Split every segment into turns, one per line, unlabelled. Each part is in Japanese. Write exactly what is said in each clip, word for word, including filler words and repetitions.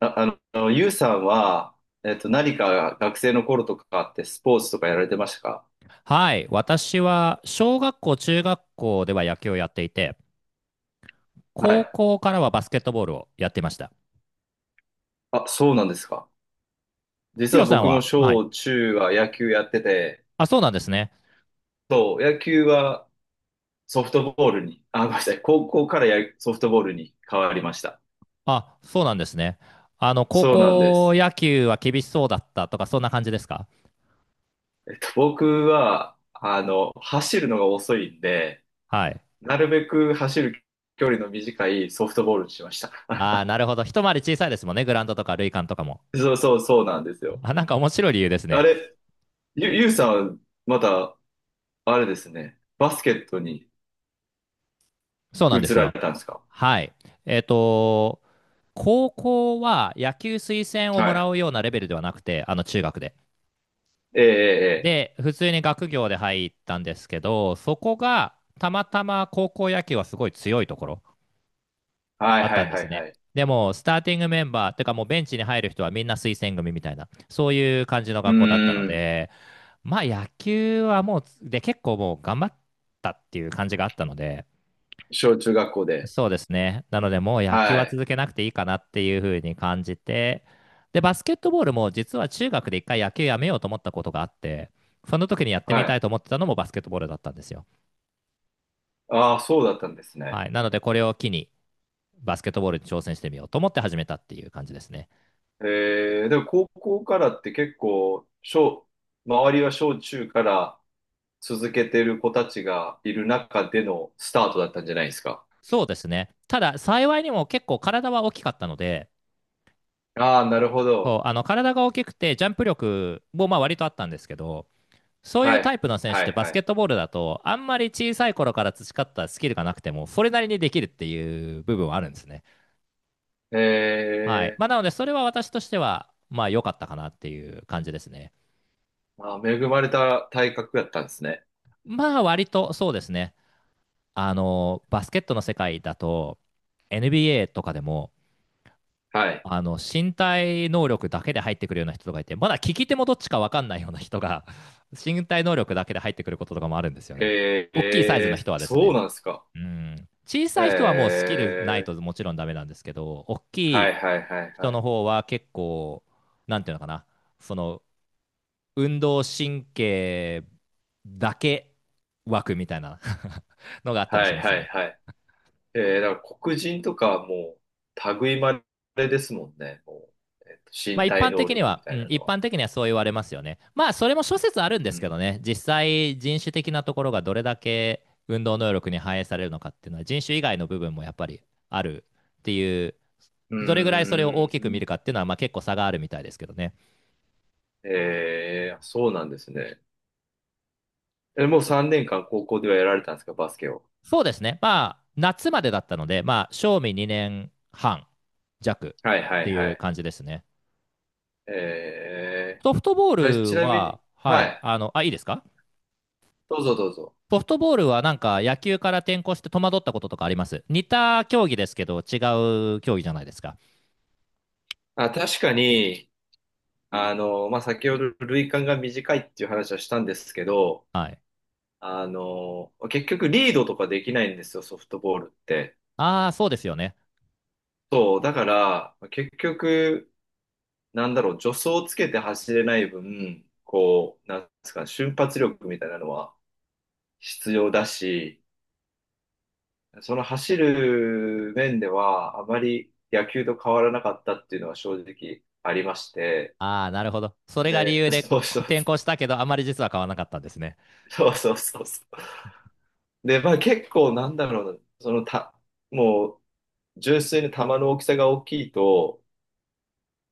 あ、あの、ゆうさんは、えっと、何か学生の頃とかってスポーツとかやられてましたか？
はい。私は、小学校、中学校では野球をやっていて、
は
高
い。
校からはバスケットボールをやっていました。
あ、そうなんですか。
ヒ
実
ロ
は
さん
僕も
は、はい。
小中は野球やってて、
あ、そうなんですね。
そう、野球はソフトボールに、あ、ごめんなさい、高校からやソフトボールに変わりました。
あ、そうなんですね。あの、高
そうなんで
校
す。
野球は厳しそうだったとか、そんな感じですか？
えっと、僕は、あの、走るのが遅いんで、
はい。
なるべく走る距離の短いソフトボールにしました。
ああ、なるほど。一回り小さいですもんね。グラウンドとか、塁間とかも。
そうそうそうなんですよ。
あ、なんか面白い理由です
あ
ね。
れ、ゆ、ゆうさん、また、あれですね。バスケットに
そうなんで
移
す
ら
よ。
れたんですか？
はい。えっと、高校は野球推薦をも
は
ら
い。
うようなレベルではなくて、あの、中学で。
ええ、ええ、ええ
で、普通に学業で入ったんですけど、そこがたまたま高校野球はすごい強いところ
はい、
だっ
は
た
い、
んで
は
す
い、
ね。
はい。
でも、スターティングメンバー、てかもうベンチに入る人はみんな推薦組みたいな、そういう感じの
う
学校だったの
ーん。
で、まあ野球はもう、で、結構もう頑張ったっていう感じがあったので、
小中学校で。
そうですね。なので、もう野球
は
は
い、
続けなくていいかなっていうふうに感じて、で、バスケットボールも実は中学で一回野球やめようと思ったことがあって、その時にやって
は
みたい
い。
と思ってたのもバスケットボールだったんですよ。
ああ、そうだったんですね。
はい。なので、これを機にバスケットボールに挑戦してみようと思って始めたっていう感じですね。
ええ、でも高校からって結構、小、周りは小中から続けてる子たちがいる中でのスタートだったんじゃないですか。
そうですね。ただ、幸いにも結構体は大きかったので、
ああ、なるほど。
そう、あの体が大きくて、ジャンプ力もまあ割とあったんですけど、そうい
は
うタ
い、
イプの選手っ
は
て
い、
バ
は
スケッ
い。
トボールだと、あんまり小さい頃から培ったスキルがなくても、それなりにできるっていう部分はあるんですね。
え
はい。
え、
まあ、なので、それは私としては、まあ、良かったかなっていう感じですね。
あー、恵まれた体格だったんですね。
まあ、割とそうですね。あの、バスケットの世界だと、エヌビーエー とかでも、
はい。
あの、身体能力だけで入ってくるような人がいて、まだ利き手もどっちか分かんないような人が、身体能力だけで入ってくることとかもあるんですよね。
へ
大きいサイズの
え、
人はです
そう
ね。
なんですか。
うん、小
へ
さい人はもうスキルない
え、
ともちろんダメなんですけど、大き
は
い
いはいはい
人
は
の
い。
方は結構、なんていうのかな、その運動神経だけ枠みたいな のがあったり
は
し
い
ます
はい
ね。
はい。えー、だから黒人とかはもう、類いまれですもんね。もう、えっと、
まあ
身
一
体
般
能
的に
力み
は、う
たい
ん、
なの
一
は。
般的にはそう言われますよね。まあそれも諸説あるん
う
ですけ
ん。
どね、実際人種的なところがどれだけ運動能力に反映されるのかっていうのは人種以外の部分もやっぱりあるっていう、
う
どれぐらいそれを大
ー
きく見
ん。
るかっていうのはまあ結構差があるみたいですけどね。
えー、そうなんですね。え、もう
そ
さんねんかん高校ではやられたんですか、バスケを。
そうですね、まあ夏までだったので、まあ賞味にねんはん弱っ
はいは
て
い
い
は
う
い。
感じですね。
え
ソフトボ
ー、あれ
ー
ち
ル
なみに、
は、は
は
い、
い。
あの、あ、いいですか？
どうぞどうぞ。
ソフトボールはなんか野球から転向して戸惑ったこととかあります？似た競技ですけど違う競技じゃないですか。
あ、確かに、あの、まあ、先ほど類間が短いっていう話はしたんですけど、
はい。
あの、結局リードとかできないんですよ、ソフトボールって。
ああ、そうですよね。
そう、だから、結局、なんだろう、助走をつけて走れない分、こう、なんですかね、瞬発力みたいなのは必要だし、その走る面では、あまり野球と変わらなかったっていうのは正直ありまして、
ああ、なるほど。それが理
で、
由で
そうそう、
転向したけど、あまり実は変わらなかったんですね。
そうそうそうそう。で、まあ結構なんだろうな、そのた、もう純粋に球の大きさが大きいと、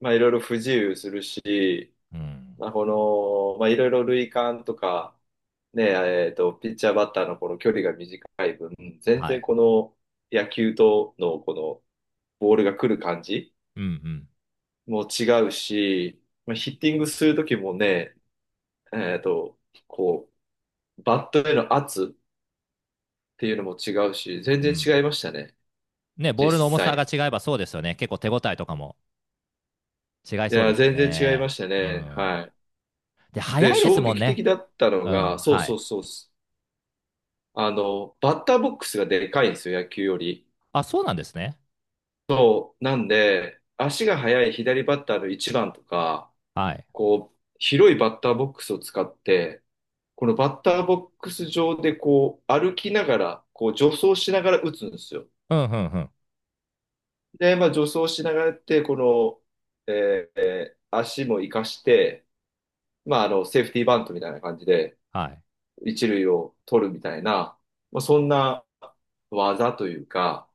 まあいろいろ不自由するし、
うん。
まあこの、まあいろいろ塁間とか、ね、えっと、ピッチャーバッターのこの距離が短い分、全
は
然
い。
この野球とのこのボールが来る感じ
うん
も違うし、まあ、ヒッティングするときもね、えっと、こう、バットへの圧っていうのも違うし、全
うん。う
然違い
ん。
ましたね、
ね、ボー
実
ルの重さが
際。
違えばそうですよね。結構手応えとかも違い
い
そうで
や、
すよ
全然違いま
ね。
した
う
ね。
ん。
はい。
で、
で、
早いです
衝
もん
撃
ね。
的だったの
うん。
が、そう
は
そ
い。
うそう。あの、バッターボックスがでかいんですよ、野球より。
あ、そうなんですね。
なんで、足が速い左バッターの一番とか、
はい。
こう、広いバッターボックスを使って、このバッターボックス上でこう、歩きながら、こう、助走しながら打つんですよ。
うんうんうん。
で、まあ、助走しながらやって、この、えー足も活かして、まあ、あの、セーフティーバントみたいな感じで、
はい。
一塁を取るみたいな、まあ、そんな技というか、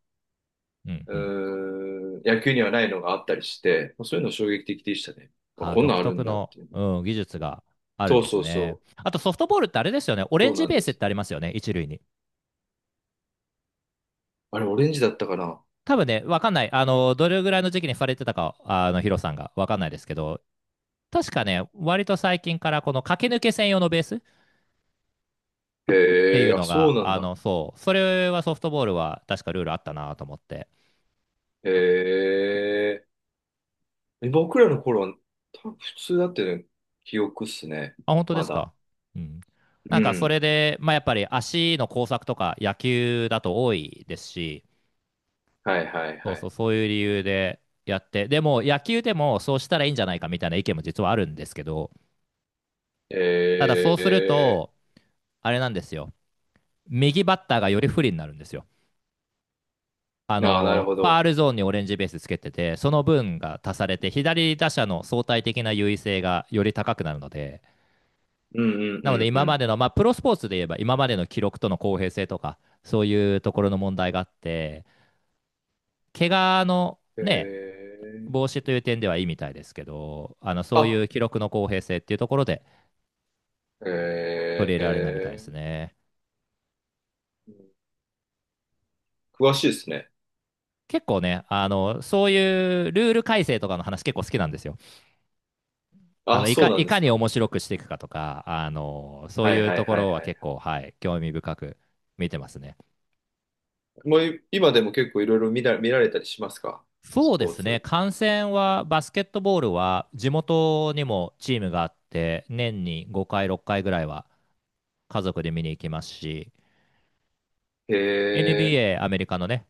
うんうん。
うーん、野球にはないのがあったりして、まあそういうの衝撃的でしたね。あ、
あー
こんな
独
んある
特
んだっ
の、
ていう。
うん、技術があるん
そう
です
そう
ね。
そう。
あとソフトボールってあれですよね。オレ
そ
ン
う
ジ
なん
ベー
で
スっ
す。
てありますよね、一塁に。
あれ、オレンジだったかな？
多分ね、わかんない。あの、どれぐらいの時期にされてたか、あの、ヒロさんがわかんないですけど、確かね、割と最近からこの駆け抜け専用のベースって
へ
い
え、
う
あ、
の
そう
が、
なん
あ
だ。
の、そう、それはソフトボールは確かルールあったなと思って。
へえ。僕らの頃は、多分普通だったよね。記憶っすね。
あ、本当で
ま
す
だ。
か。うん。な
う
んかそ
ん。
れで、まあ、やっぱり足の工作とか野球だと多いですし、
はいはい
そう
は
そう、
い。
そういう理由でやって、でも野球でもそうしたらいいんじゃないかみたいな意見も実はあるんですけど、ただそ
え
うする
え。
と、あれなんですよ、右バッターがより不利になるんですよ。あ
ああ、なる
の
ほ
ファー
ど。
ルゾーンにオレンジベースつけてて、その分が足されて、左打者の相対的な優位性がより高くなるので、
うんうん
な
う
ので
んう
今ま
ん。
での、まあ、プロスポーツで言えば、今までの記録との公平性とか、そういうところの問題があって、怪我の
え
ね、
え。
防止という点ではいいみたいですけど、あのそうい
あ、
う記録の公平性っていうところで取り入れられないみたいで
ええ
すね。
詳しいですね。
結構ね、あのそういうルール改正とかの話結構好きなんですよ。あ
あ、
のい
そう
か
なん
い
で
か
す
に
か。
面白くしていくかとか、あのそう
はい
いう
は
と
い
こ
はい
ろは
はい。
結構、はい、興味深く見てますね。
もうい今でも結構いろいろ見ら、見られたりしますか？ス
そうで
ポー
すね、
ツ。
観戦は、バスケットボールは地元にもチームがあって、年にごかい、ろっかいぐらいは家族で見に行きますし、
へえ、
エヌビーエー、アメリカのね、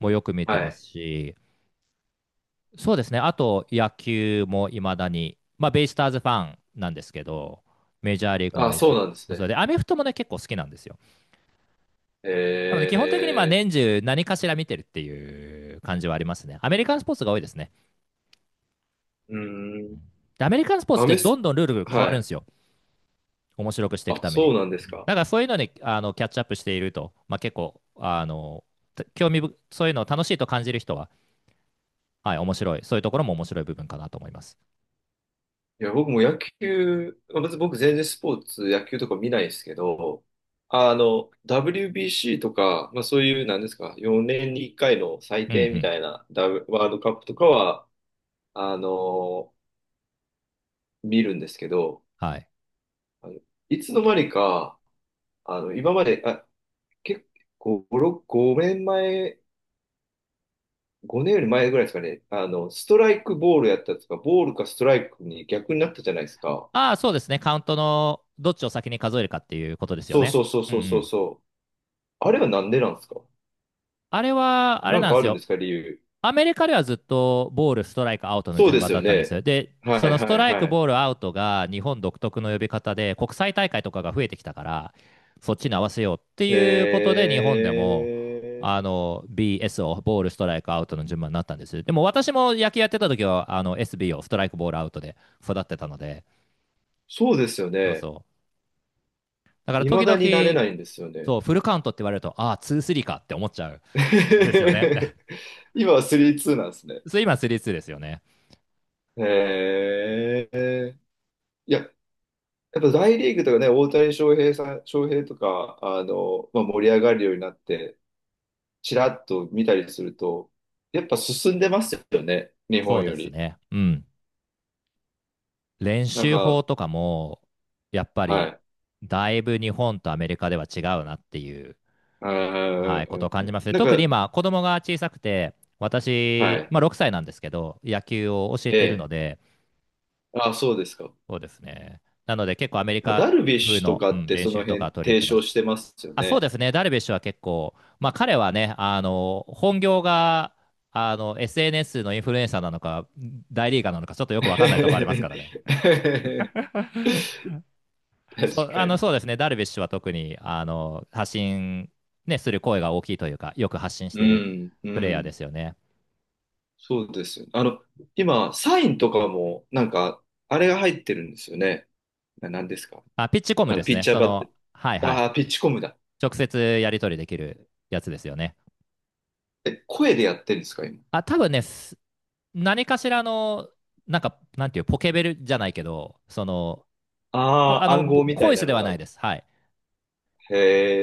もよく見て
は
ま
い。
すし、そうですね。あと、野球もいまだに、まあ、ベイスターズファンなんですけど、メジャーリーグも
あ、
見る
そう
し、
なんです
それ
ね。
で、アメフトもね、結構好きなんですよ。
へ
なので、基本的にまあ
え、
年中何かしら見てるっていう感じはありますね。アメリカンスポーツが多いですね。
うーん。
で、アメリカンスポーツっ
ア
て
メ
ど
ス、
んどんルールが変わ
は
るんで
い。
すよ。面白くしていく
あ、
ため
そ
に。
うなんですか。
だからそういうのにあのキャッチアップしていると、まあ、結構、あの、興味ぶ、そういうのを楽しいと感じる人は、はい、面白い。そういうところも面白い部分かなと思います。
いや、僕も野球、まあ別に僕全然スポーツ、野球とか見ないですけど、あの、ダブリュービーシー とか、まあそういう、なんですか、よねんにいっかいの祭
うんう
典み
ん。
たいな、ブワールドカップとかは、あの、見るんですけど、
はい。
あのいつの間にか、あの、今まで、あ、結構、ご、ろく、ごねんまえ、ごねんより前ぐらいですかね、あの、ストライクボールやったとか、ボールかストライクに逆になったじゃないですか。
ああ、そうですね。カウントのどっちを先に数えるかっていうことですよ
そう
ね。
そうそう
うんう
そうそう
ん。
そう。あれはなんでなんですか？
あれは、あれ
なん
なん
か
で
あ
す
るんで
よ。
すか、理由？
アメリカではずっとボール、ストライク、アウトの
そう
順
で
番
す
だ
よ
ったんです
ね。
よ。で、
は
そ
い
のス
は
ト
い
ライ
は
ク、
い。
ボール、アウトが日本独特の呼び方で、国際大会とかが増えてきたから、そっちに合わせようって
へ
いうことで、日本でも、
え。
あの、ビーエス をボール、ストライク、アウトの順番になったんです。でも私も野球やってた時は、あの、エスビー をストライク、ボール、アウトで育ってたので、
そうですよ
そう
ね。
そう。だから時
未だになれ
々、
ないんですよね。
そう、フルカウントって言われると、ああ、に、さんかって思っちゃうんですよね
今はさんになんですね。
そう今、さん、にですよね。
へえ。いや、やっぱ大リーグとかね、大谷翔平さん、翔平とか、あの、まあ、盛り上がるようになって、ちらっと見たりすると、やっぱ進んでますよね。日
そう
本
で
よ
す
り。
ね。うん。練
なん
習法
か、
とかも、やっぱ
は
り、
い。
だいぶ日本とアメリカでは違うなっていう、
うんう
はい、
ん
こ
う
とを
ん
感
う
じ
ん
ますね。
なん
特に
か、
今、子供が小さくて、
は
私、
い。
まあ、ろくさいなんですけど、野球を教え
え
ているの
え。
で、
あ、そうですか。
そうですね。なので、結構アメリカ
ダルビッ
風
シュと
の、
か
う
っ
ん、
て
練
その
習とか
辺
取り入れ
提
てま
唱
す。
してますよ
あ、そう
ね。
ですね。ダルビッシュは結構、まあ彼はね、あの、本業が、あの、エスエヌエス のインフルエンサーなのか、大リーガーなのか、ちょっとよくわかんないとこありますからね。そ
確
う、あ
か
の、
に。
そうですね。ダルビッシュは特に、あの、発信、ね、する声が大きいというか、よく発信し
う
てる
ん、う
プレイヤーで
ん。
すよね。
そうですよね。あの、今、サインとかも、なんか、あれが入ってるんですよね。な、なんですか？
あ、ピッチコム
あ
で
の、
す
ピッ
ね。
チャー
そ
バッテ、
の、はいはい。
ああー、ピッチコムだ。
直接やり取りできるやつですよね。
え、声でやってるんですか、今。
あ、多分ね、す何かしらの、なんか、なんていう、ポケベルじゃないけど、その、こ、
あ
あ
あ、
の、
暗号
ボ
みた
ボ
い
イス
な
で
の
はな
が。
いです。はい。
へ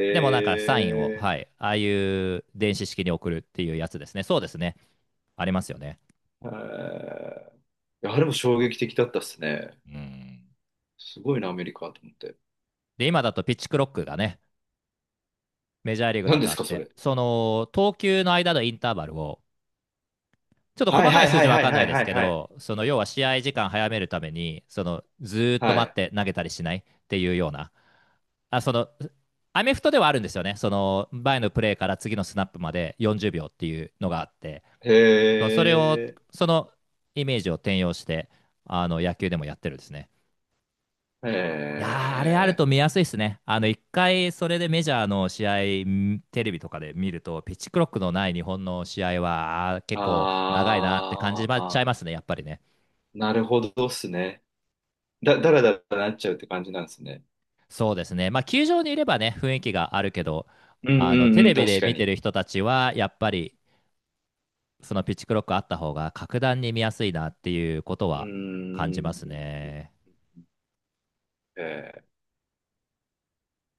でもなんかサインを、
え。
はい。ああいう電子式に送るっていうやつですね。そうですね。ありますよね。
へーいやあれも衝撃的だったっすね。
うん。
すごいな、アメリカと思って。
で、今だとピッチクロックがね、メジャーリーグだ
何で
とあ
す
っ
か、そ
て、
れ？
その投球の間のインターバルを、ちょっと
はい
細か
は
い
い
数
は
字
い
わ
はい
かんな
は
い
い
で
は
すけ
いはい。
ど、その要は試合時間早めるために、そのずーっと
は
待っ
い。
て投げたりしないっていうような、あ、その、アメフトではあるんですよね。その前のプレーから次のスナップまでよんじゅうびょうっていうのがあって、そ
へ
うそれを、
え
そのイメージを転用して、あの野球でもやってるんですね。
へ
いやー、あれある
え
と見やすいですね。あの、一回、それでメジャーの試合、んテレビとかで見ると、ピッチクロックのない日本の試合は、あー
あ
結構長いなって感じ
ー、
ちゃい
あ、
ますね、やっぱりね。
なるほどっすね。だ、だらだらなっちゃうって感じなんですね。
そうですね。まあ、球場にいればね、雰囲気があるけど、
うん
あの、
うん
テ
う
レ
ん、
ビ
確
で
か
見て
に。
る人たちは、やっぱり、そのピッチクロックあった方が、格段に見やすいなっていうこと
う
は感じ
ー
ます
ん。
ね。
へえ。